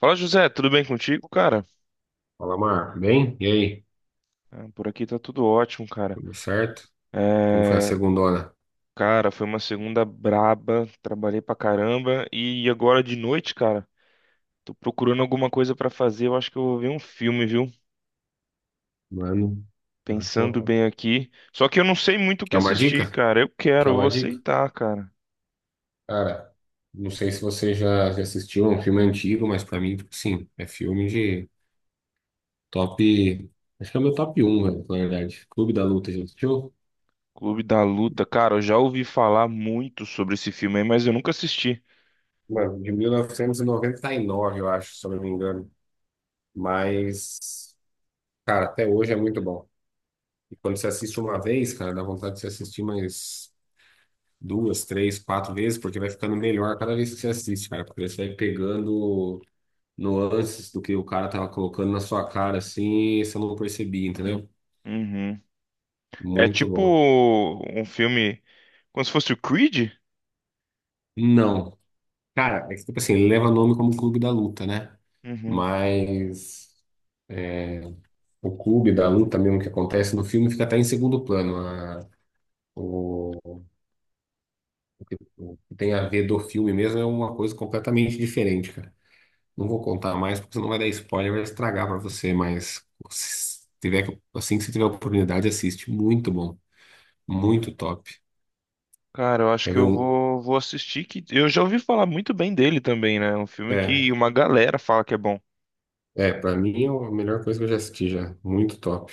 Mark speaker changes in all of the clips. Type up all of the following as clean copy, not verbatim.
Speaker 1: Fala, José, tudo bem contigo, cara?
Speaker 2: Fala, Mar. Bem? E aí?
Speaker 1: Por aqui tá tudo ótimo, cara.
Speaker 2: Tudo certo? Como foi a
Speaker 1: É,
Speaker 2: segundona?
Speaker 1: cara, foi uma segunda braba, trabalhei pra caramba e agora de noite, cara, tô procurando alguma coisa pra fazer. Eu acho que eu vou ver um filme, viu?
Speaker 2: Mano, eu acho que eu
Speaker 1: Pensando
Speaker 2: vou...
Speaker 1: bem aqui. Só que eu não sei muito o que
Speaker 2: Quer uma
Speaker 1: assistir,
Speaker 2: dica?
Speaker 1: cara. Eu quero,
Speaker 2: Quer
Speaker 1: eu vou
Speaker 2: uma dica?
Speaker 1: aceitar, cara.
Speaker 2: Cara, não sei se você já assistiu é um filme antigo, mas pra mim, tipo assim, é filme de top... Acho que é o meu top um, velho, na verdade. Clube da Luta, já assistiu?
Speaker 1: Clube da Luta, cara, eu já ouvi falar muito sobre esse filme aí, mas eu nunca assisti.
Speaker 2: Mano, de 1999, eu acho, se eu não me engano. Mas, cara, até hoje é muito bom. E quando você assiste uma vez, cara, dá vontade de você assistir mais... duas, três, quatro vezes, porque vai ficando melhor cada vez que você assiste, cara, porque você vai pegando nuances do que o cara tava colocando na sua cara, assim, e você não percebia, entendeu?
Speaker 1: Uhum. É
Speaker 2: Muito
Speaker 1: tipo
Speaker 2: bom.
Speaker 1: um filme como se fosse o Creed?
Speaker 2: Não, cara, é que, tipo assim, ele leva nome como Clube da Luta, né?
Speaker 1: Uhum.
Speaker 2: Mas é, o clube da luta mesmo que acontece no filme fica até em segundo plano. O, o que tem a ver do filme mesmo é uma coisa completamente diferente, cara. Não vou contar mais, porque senão vai dar spoiler, vai estragar pra você, mas se tiver, assim que você tiver oportunidade, assiste. Muito bom, muito top.
Speaker 1: Cara, eu acho
Speaker 2: Quer
Speaker 1: que
Speaker 2: ver um?
Speaker 1: vou assistir que eu já ouvi falar muito bem dele também, né? É um filme
Speaker 2: É,
Speaker 1: que uma galera fala que é bom.
Speaker 2: é, pra mim é a melhor coisa que eu já assisti já. Muito top.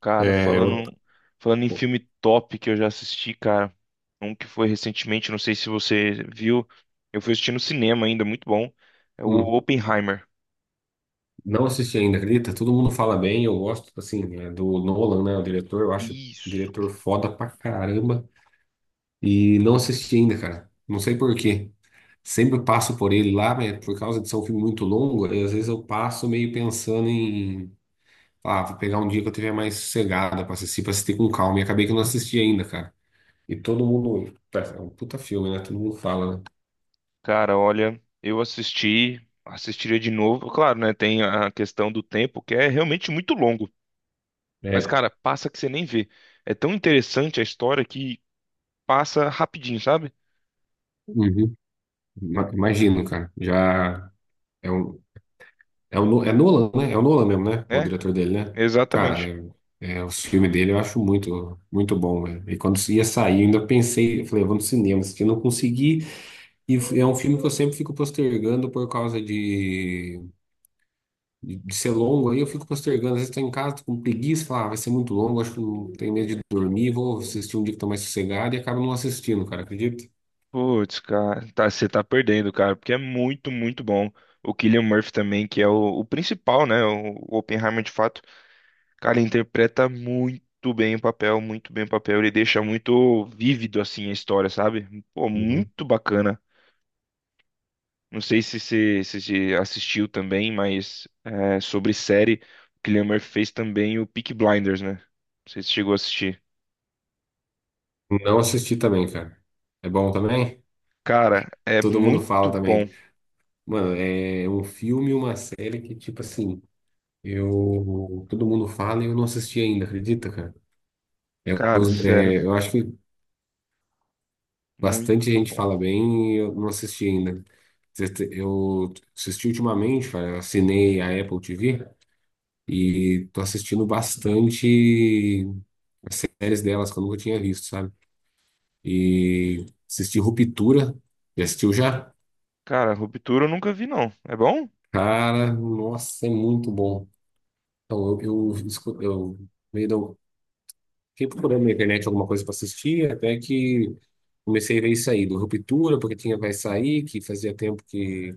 Speaker 1: Cara,
Speaker 2: É,
Speaker 1: falando em filme top que eu já assisti, cara, um que foi recentemente, não sei se você viu, eu fui assistir no cinema ainda, muito bom. É o
Speaker 2: hum,
Speaker 1: Oppenheimer.
Speaker 2: não assisti ainda, acredita? Todo mundo fala bem, eu gosto, assim, é, do Nolan, né? O diretor, eu acho o
Speaker 1: Isso,
Speaker 2: diretor foda pra caramba. E não assisti ainda, cara. Não sei por quê. Sempre passo por ele lá, mas por causa de ser um filme muito longo, aí às vezes eu passo meio pensando em, ah, vou pegar um dia que eu tiver mais sossegada pra assistir com calma. E acabei que eu não assisti ainda, cara. E todo mundo, tá, é um puta filme, né? Todo mundo fala,
Speaker 1: cara, olha, eu assisti, assistiria de novo. Claro, né? Tem a questão do tempo, que é realmente muito longo.
Speaker 2: né?
Speaker 1: Mas,
Speaker 2: É.
Speaker 1: cara, passa que você nem vê. É tão interessante a história que passa rapidinho, sabe?
Speaker 2: Uhum. Imagino, cara. Já é um, É o, é Nolan, né? É o Nolan mesmo, né? O
Speaker 1: É,
Speaker 2: diretor dele, né? Cara,
Speaker 1: exatamente.
Speaker 2: é, os filmes dele eu acho muito, muito bom, né? E quando
Speaker 1: Sim.
Speaker 2: ia sair, eu ainda pensei, eu falei, eu vou no cinema, se não consegui. E é um filme que eu sempre fico postergando por causa de ser longo. Aí eu fico postergando. Às vezes tô em casa, tô com preguiça, falo, ah, vai ser muito longo, acho que não tenho medo de dormir, vou assistir um dia que tô mais sossegado e acabo não assistindo, cara, acredita?
Speaker 1: Putz, cara, tá, você tá perdendo, cara, porque é muito, muito bom. O Cillian Murphy também, que é o principal, né? O Oppenheimer, de fato, cara, ele interpreta muito bem o papel, muito bem o papel. Ele deixa muito vívido, assim, a história, sabe? Pô,
Speaker 2: Uhum.
Speaker 1: muito bacana. Não sei se você assistiu também, mas é, sobre série, o Cillian Murphy fez também o Peaky Blinders, né? Não sei se chegou a assistir.
Speaker 2: Não assisti também, cara. É bom também?
Speaker 1: Cara, é
Speaker 2: Todo mundo fala
Speaker 1: muito bom.
Speaker 2: também. Mano, é um filme e uma série que, tipo assim, eu. Todo mundo fala e eu não assisti ainda, acredita, cara? É,
Speaker 1: Cara, sério.
Speaker 2: eu acho que bastante
Speaker 1: Muito
Speaker 2: gente
Speaker 1: bom.
Speaker 2: fala bem e eu não assisti ainda. Eu assisti ultimamente, cara, eu assinei a Apple TV e tô assistindo bastante as séries delas que eu nunca tinha visto, sabe? E assisti Ruptura, já assistiu já?
Speaker 1: Cara, Ruptura eu nunca vi, não. É bom?
Speaker 2: Cara, nossa, é muito bom. Então, eu fiquei procurando na internet alguma coisa para assistir, até que comecei a ver isso aí, do Ruptura, porque tinha Vai Sair, que fazia tempo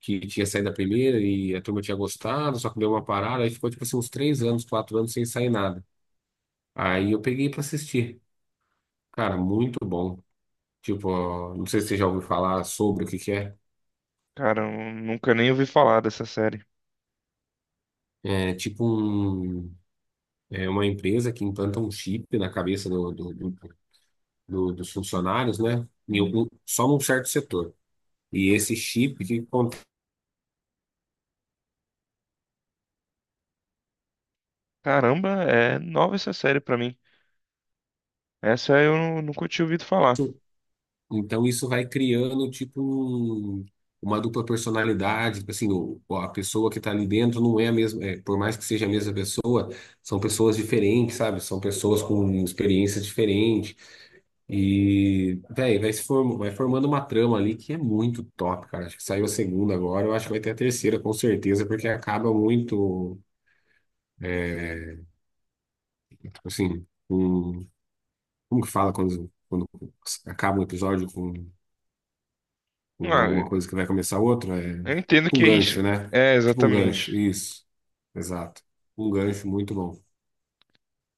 Speaker 2: que tinha saído da primeira e a turma tinha gostado, só que deu uma parada, aí ficou tipo assim uns 3 anos, 4 anos sem sair nada. Aí eu peguei para assistir. Cara, muito bom. Tipo, ó, não sei se você já ouviu falar sobre o que que é.
Speaker 1: Cara, eu nunca nem ouvi falar dessa série.
Speaker 2: É tipo um, é uma empresa que implanta um chip na cabeça dos funcionários, né? Em algum, só num certo setor. E esse chip, o que acontece?
Speaker 1: Caramba, é nova essa série pra mim. Essa eu nunca tinha ouvido falar.
Speaker 2: Então isso vai criando tipo uma dupla personalidade, tipo assim, a pessoa que está ali dentro não é a mesma, é, por mais que seja a mesma pessoa, são pessoas diferentes, sabe? São pessoas com experiências diferentes e, véi, vai se form, vai formando uma trama ali que é muito top, cara. Acho que saiu a segunda agora, eu acho que vai ter a terceira com certeza, porque acaba muito, assim, um, como que fala quando acaba um episódio com
Speaker 1: Ah,
Speaker 2: alguma coisa que vai começar outra, é
Speaker 1: eu entendo
Speaker 2: tipo um
Speaker 1: que é isso.
Speaker 2: gancho, né?
Speaker 1: É,
Speaker 2: Tipo um gancho,
Speaker 1: exatamente.
Speaker 2: isso. Exato. Um gancho muito bom.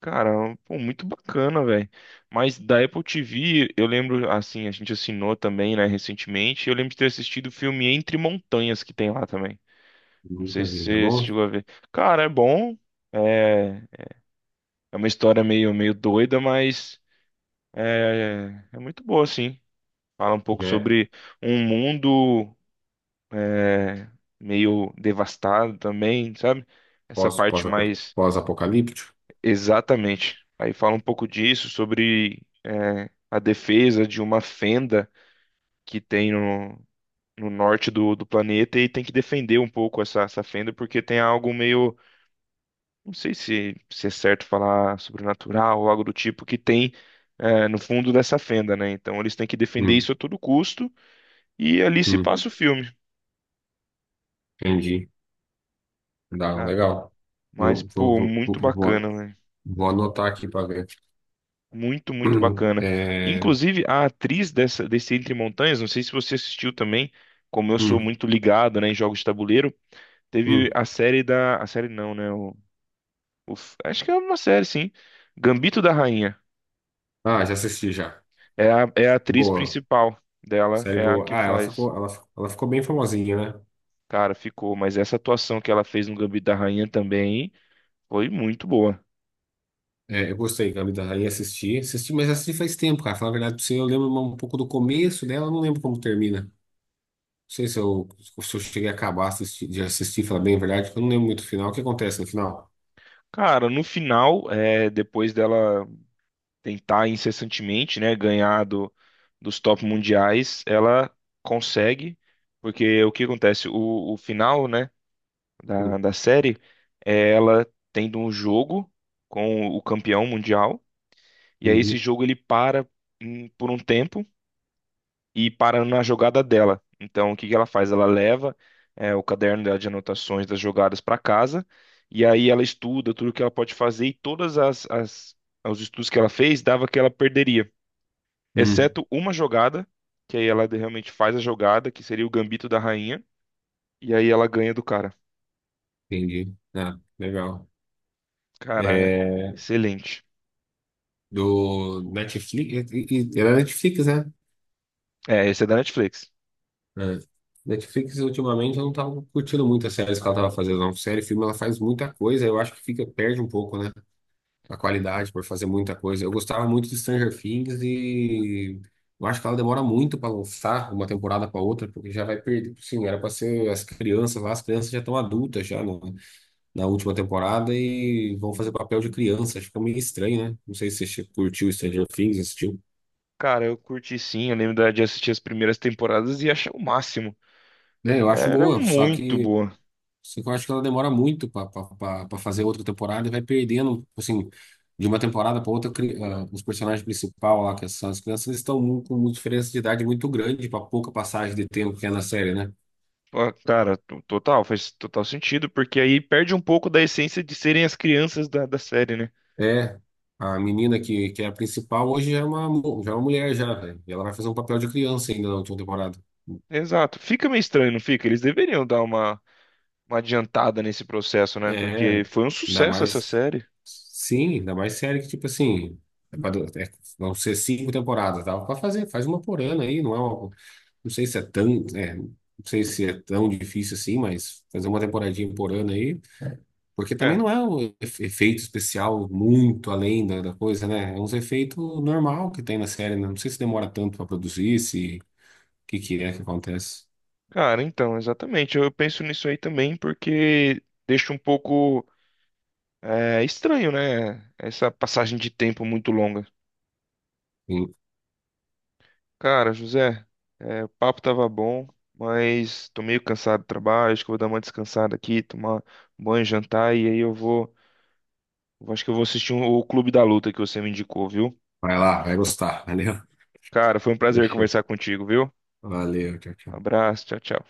Speaker 1: Cara, pô, muito bacana, velho. Mas da Apple TV, eu lembro, assim, a gente assinou também, né, recentemente. Eu lembro de ter assistido o filme Entre Montanhas que tem lá também. Não sei
Speaker 2: Nunca
Speaker 1: se
Speaker 2: vi, tá
Speaker 1: você se
Speaker 2: bom?
Speaker 1: chegou a ver. Cara, é bom. É, é uma história meio, meio doida, mas. É, é muito boa, sim. Fala um pouco
Speaker 2: É
Speaker 1: sobre um mundo é, meio devastado também, sabe? Essa
Speaker 2: pós, pós,
Speaker 1: parte mais
Speaker 2: pós-apocalíptico.
Speaker 1: exatamente. Aí fala um pouco disso, sobre é, a defesa de uma fenda que tem no norte do planeta e tem que defender um pouco essa fenda, porque tem algo meio, não sei se é certo falar sobrenatural ou algo do tipo, que tem é, no fundo dessa fenda, né? Então eles têm que defender
Speaker 2: Hum,
Speaker 1: isso a todo custo. E ali se
Speaker 2: hum,
Speaker 1: passa o filme,
Speaker 2: entendi. Dá,
Speaker 1: né?
Speaker 2: legal.
Speaker 1: Mas,
Speaker 2: Não,
Speaker 1: pô, muito bacana, velho.
Speaker 2: vou anotar aqui para ver.
Speaker 1: Muito, muito bacana.
Speaker 2: É,
Speaker 1: Inclusive, a atriz desse Entre Montanhas, não sei se você assistiu também, como eu sou
Speaker 2: hum,
Speaker 1: muito ligado, né, em jogos de tabuleiro, teve
Speaker 2: hum.
Speaker 1: a série da. A série não, né? O, acho que é uma série, sim. Gambito da Rainha.
Speaker 2: Ah, já assisti já.
Speaker 1: É a atriz
Speaker 2: Boa.
Speaker 1: principal dela,
Speaker 2: Série
Speaker 1: é a
Speaker 2: boa.
Speaker 1: que
Speaker 2: Ah,
Speaker 1: faz.
Speaker 2: ela ficou bem famosinha, né?
Speaker 1: Cara, ficou, mas essa atuação que ela fez no Gambito da Rainha também foi muito boa.
Speaker 2: É, eu gostei, Gabi da Rainha, assisti, assisti, mas assisti faz tempo, cara. Falar a verdade pra você, eu lembro um pouco do começo dela, eu não lembro como termina. Não sei se eu, se eu cheguei a acabar de assistir, falar bem a verdade, porque eu não lembro muito o final. O que acontece no final?
Speaker 1: Cara, no final, é, depois dela. Tentar incessantemente, né, ganhar dos top mundiais, ela consegue, porque o que acontece? O final, né,
Speaker 2: Hum,
Speaker 1: da série é ela tendo um jogo com o campeão mundial, e aí esse
Speaker 2: uhum,
Speaker 1: jogo ele para por um tempo e para na jogada dela. Então, o que que ela faz? Ela leva é, o caderno dela de anotações das jogadas para casa, e aí ela estuda tudo que ela pode fazer e todas as os estudos que ela fez dava que ela perderia
Speaker 2: hum,
Speaker 1: exceto uma jogada, que aí ela realmente faz a jogada, que seria o gambito da rainha, e aí ela ganha do cara.
Speaker 2: entendi. Ah, legal.
Speaker 1: Cara, é
Speaker 2: É,
Speaker 1: excelente.
Speaker 2: do Netflix, era Netflix, né?
Speaker 1: É, esse é da Netflix.
Speaker 2: É. Netflix, ultimamente, eu não tava curtindo muito as séries que ela tava fazendo, não. Série, filme, ela faz muita coisa, eu acho que fica, perde um pouco, né? A qualidade por fazer muita coisa. Eu gostava muito de Stranger Things e eu acho que ela demora muito para lançar uma temporada para outra, porque já vai perder. Sim, era para ser as crianças lá, as crianças já estão adultas já na última temporada e vão fazer papel de criança. Acho que é meio estranho, né? Não sei se você curtiu Stranger Things, assistiu.
Speaker 1: Cara, eu curti sim, eu lembro de assistir as primeiras temporadas e achei o máximo.
Speaker 2: É, eu acho
Speaker 1: Era
Speaker 2: boa, só
Speaker 1: muito
Speaker 2: que
Speaker 1: boa.
Speaker 2: só que eu acho que ela demora muito para fazer outra temporada e vai perdendo, assim, de uma temporada para outra, os personagens principais lá, que são as crianças, eles estão com uma diferença de idade muito grande para pouca passagem de tempo que é na série, né?
Speaker 1: Ah, cara, total, faz total sentido, porque aí perde um pouco da essência de serem as crianças da série, né?
Speaker 2: É, a menina que é a principal hoje já é já é uma mulher já, velho. E ela vai fazer um papel de criança ainda na última temporada.
Speaker 1: Exato. Fica meio estranho, não fica? Eles deveriam dar uma adiantada nesse processo, né?
Speaker 2: É,
Speaker 1: Porque foi um
Speaker 2: ainda
Speaker 1: sucesso essa
Speaker 2: mais.
Speaker 1: série.
Speaker 2: Sim, ainda mais série que, tipo assim, é pra, vão ser 5 temporadas, dá pra fazer, faz uma por ano aí, não é uma. Não sei se é tão, é, não sei se é tão difícil assim, mas fazer uma temporadinha por ano aí, porque também não
Speaker 1: É.
Speaker 2: é um efeito especial muito além da coisa, né? É uns efeitos normal que tem na série, né? Não sei se demora tanto para produzir, se o que que é que acontece.
Speaker 1: Cara, então, exatamente. Eu penso nisso aí também porque deixa um pouco é, estranho, né? Essa passagem de tempo muito longa.
Speaker 2: Sim.
Speaker 1: Cara, José, é, o papo tava bom, mas tô meio cansado do trabalho. Acho que eu vou dar uma descansada aqui, tomar um banho, jantar e aí eu vou. Eu acho que eu vou assistir um, o Clube da Luta que você me indicou, viu?
Speaker 2: Vai lá, vai gostar, valeu?
Speaker 1: Cara, foi um prazer
Speaker 2: Deixa.
Speaker 1: conversar contigo, viu?
Speaker 2: Valeu, tchau, tchau.
Speaker 1: Abraço, tchau, tchau.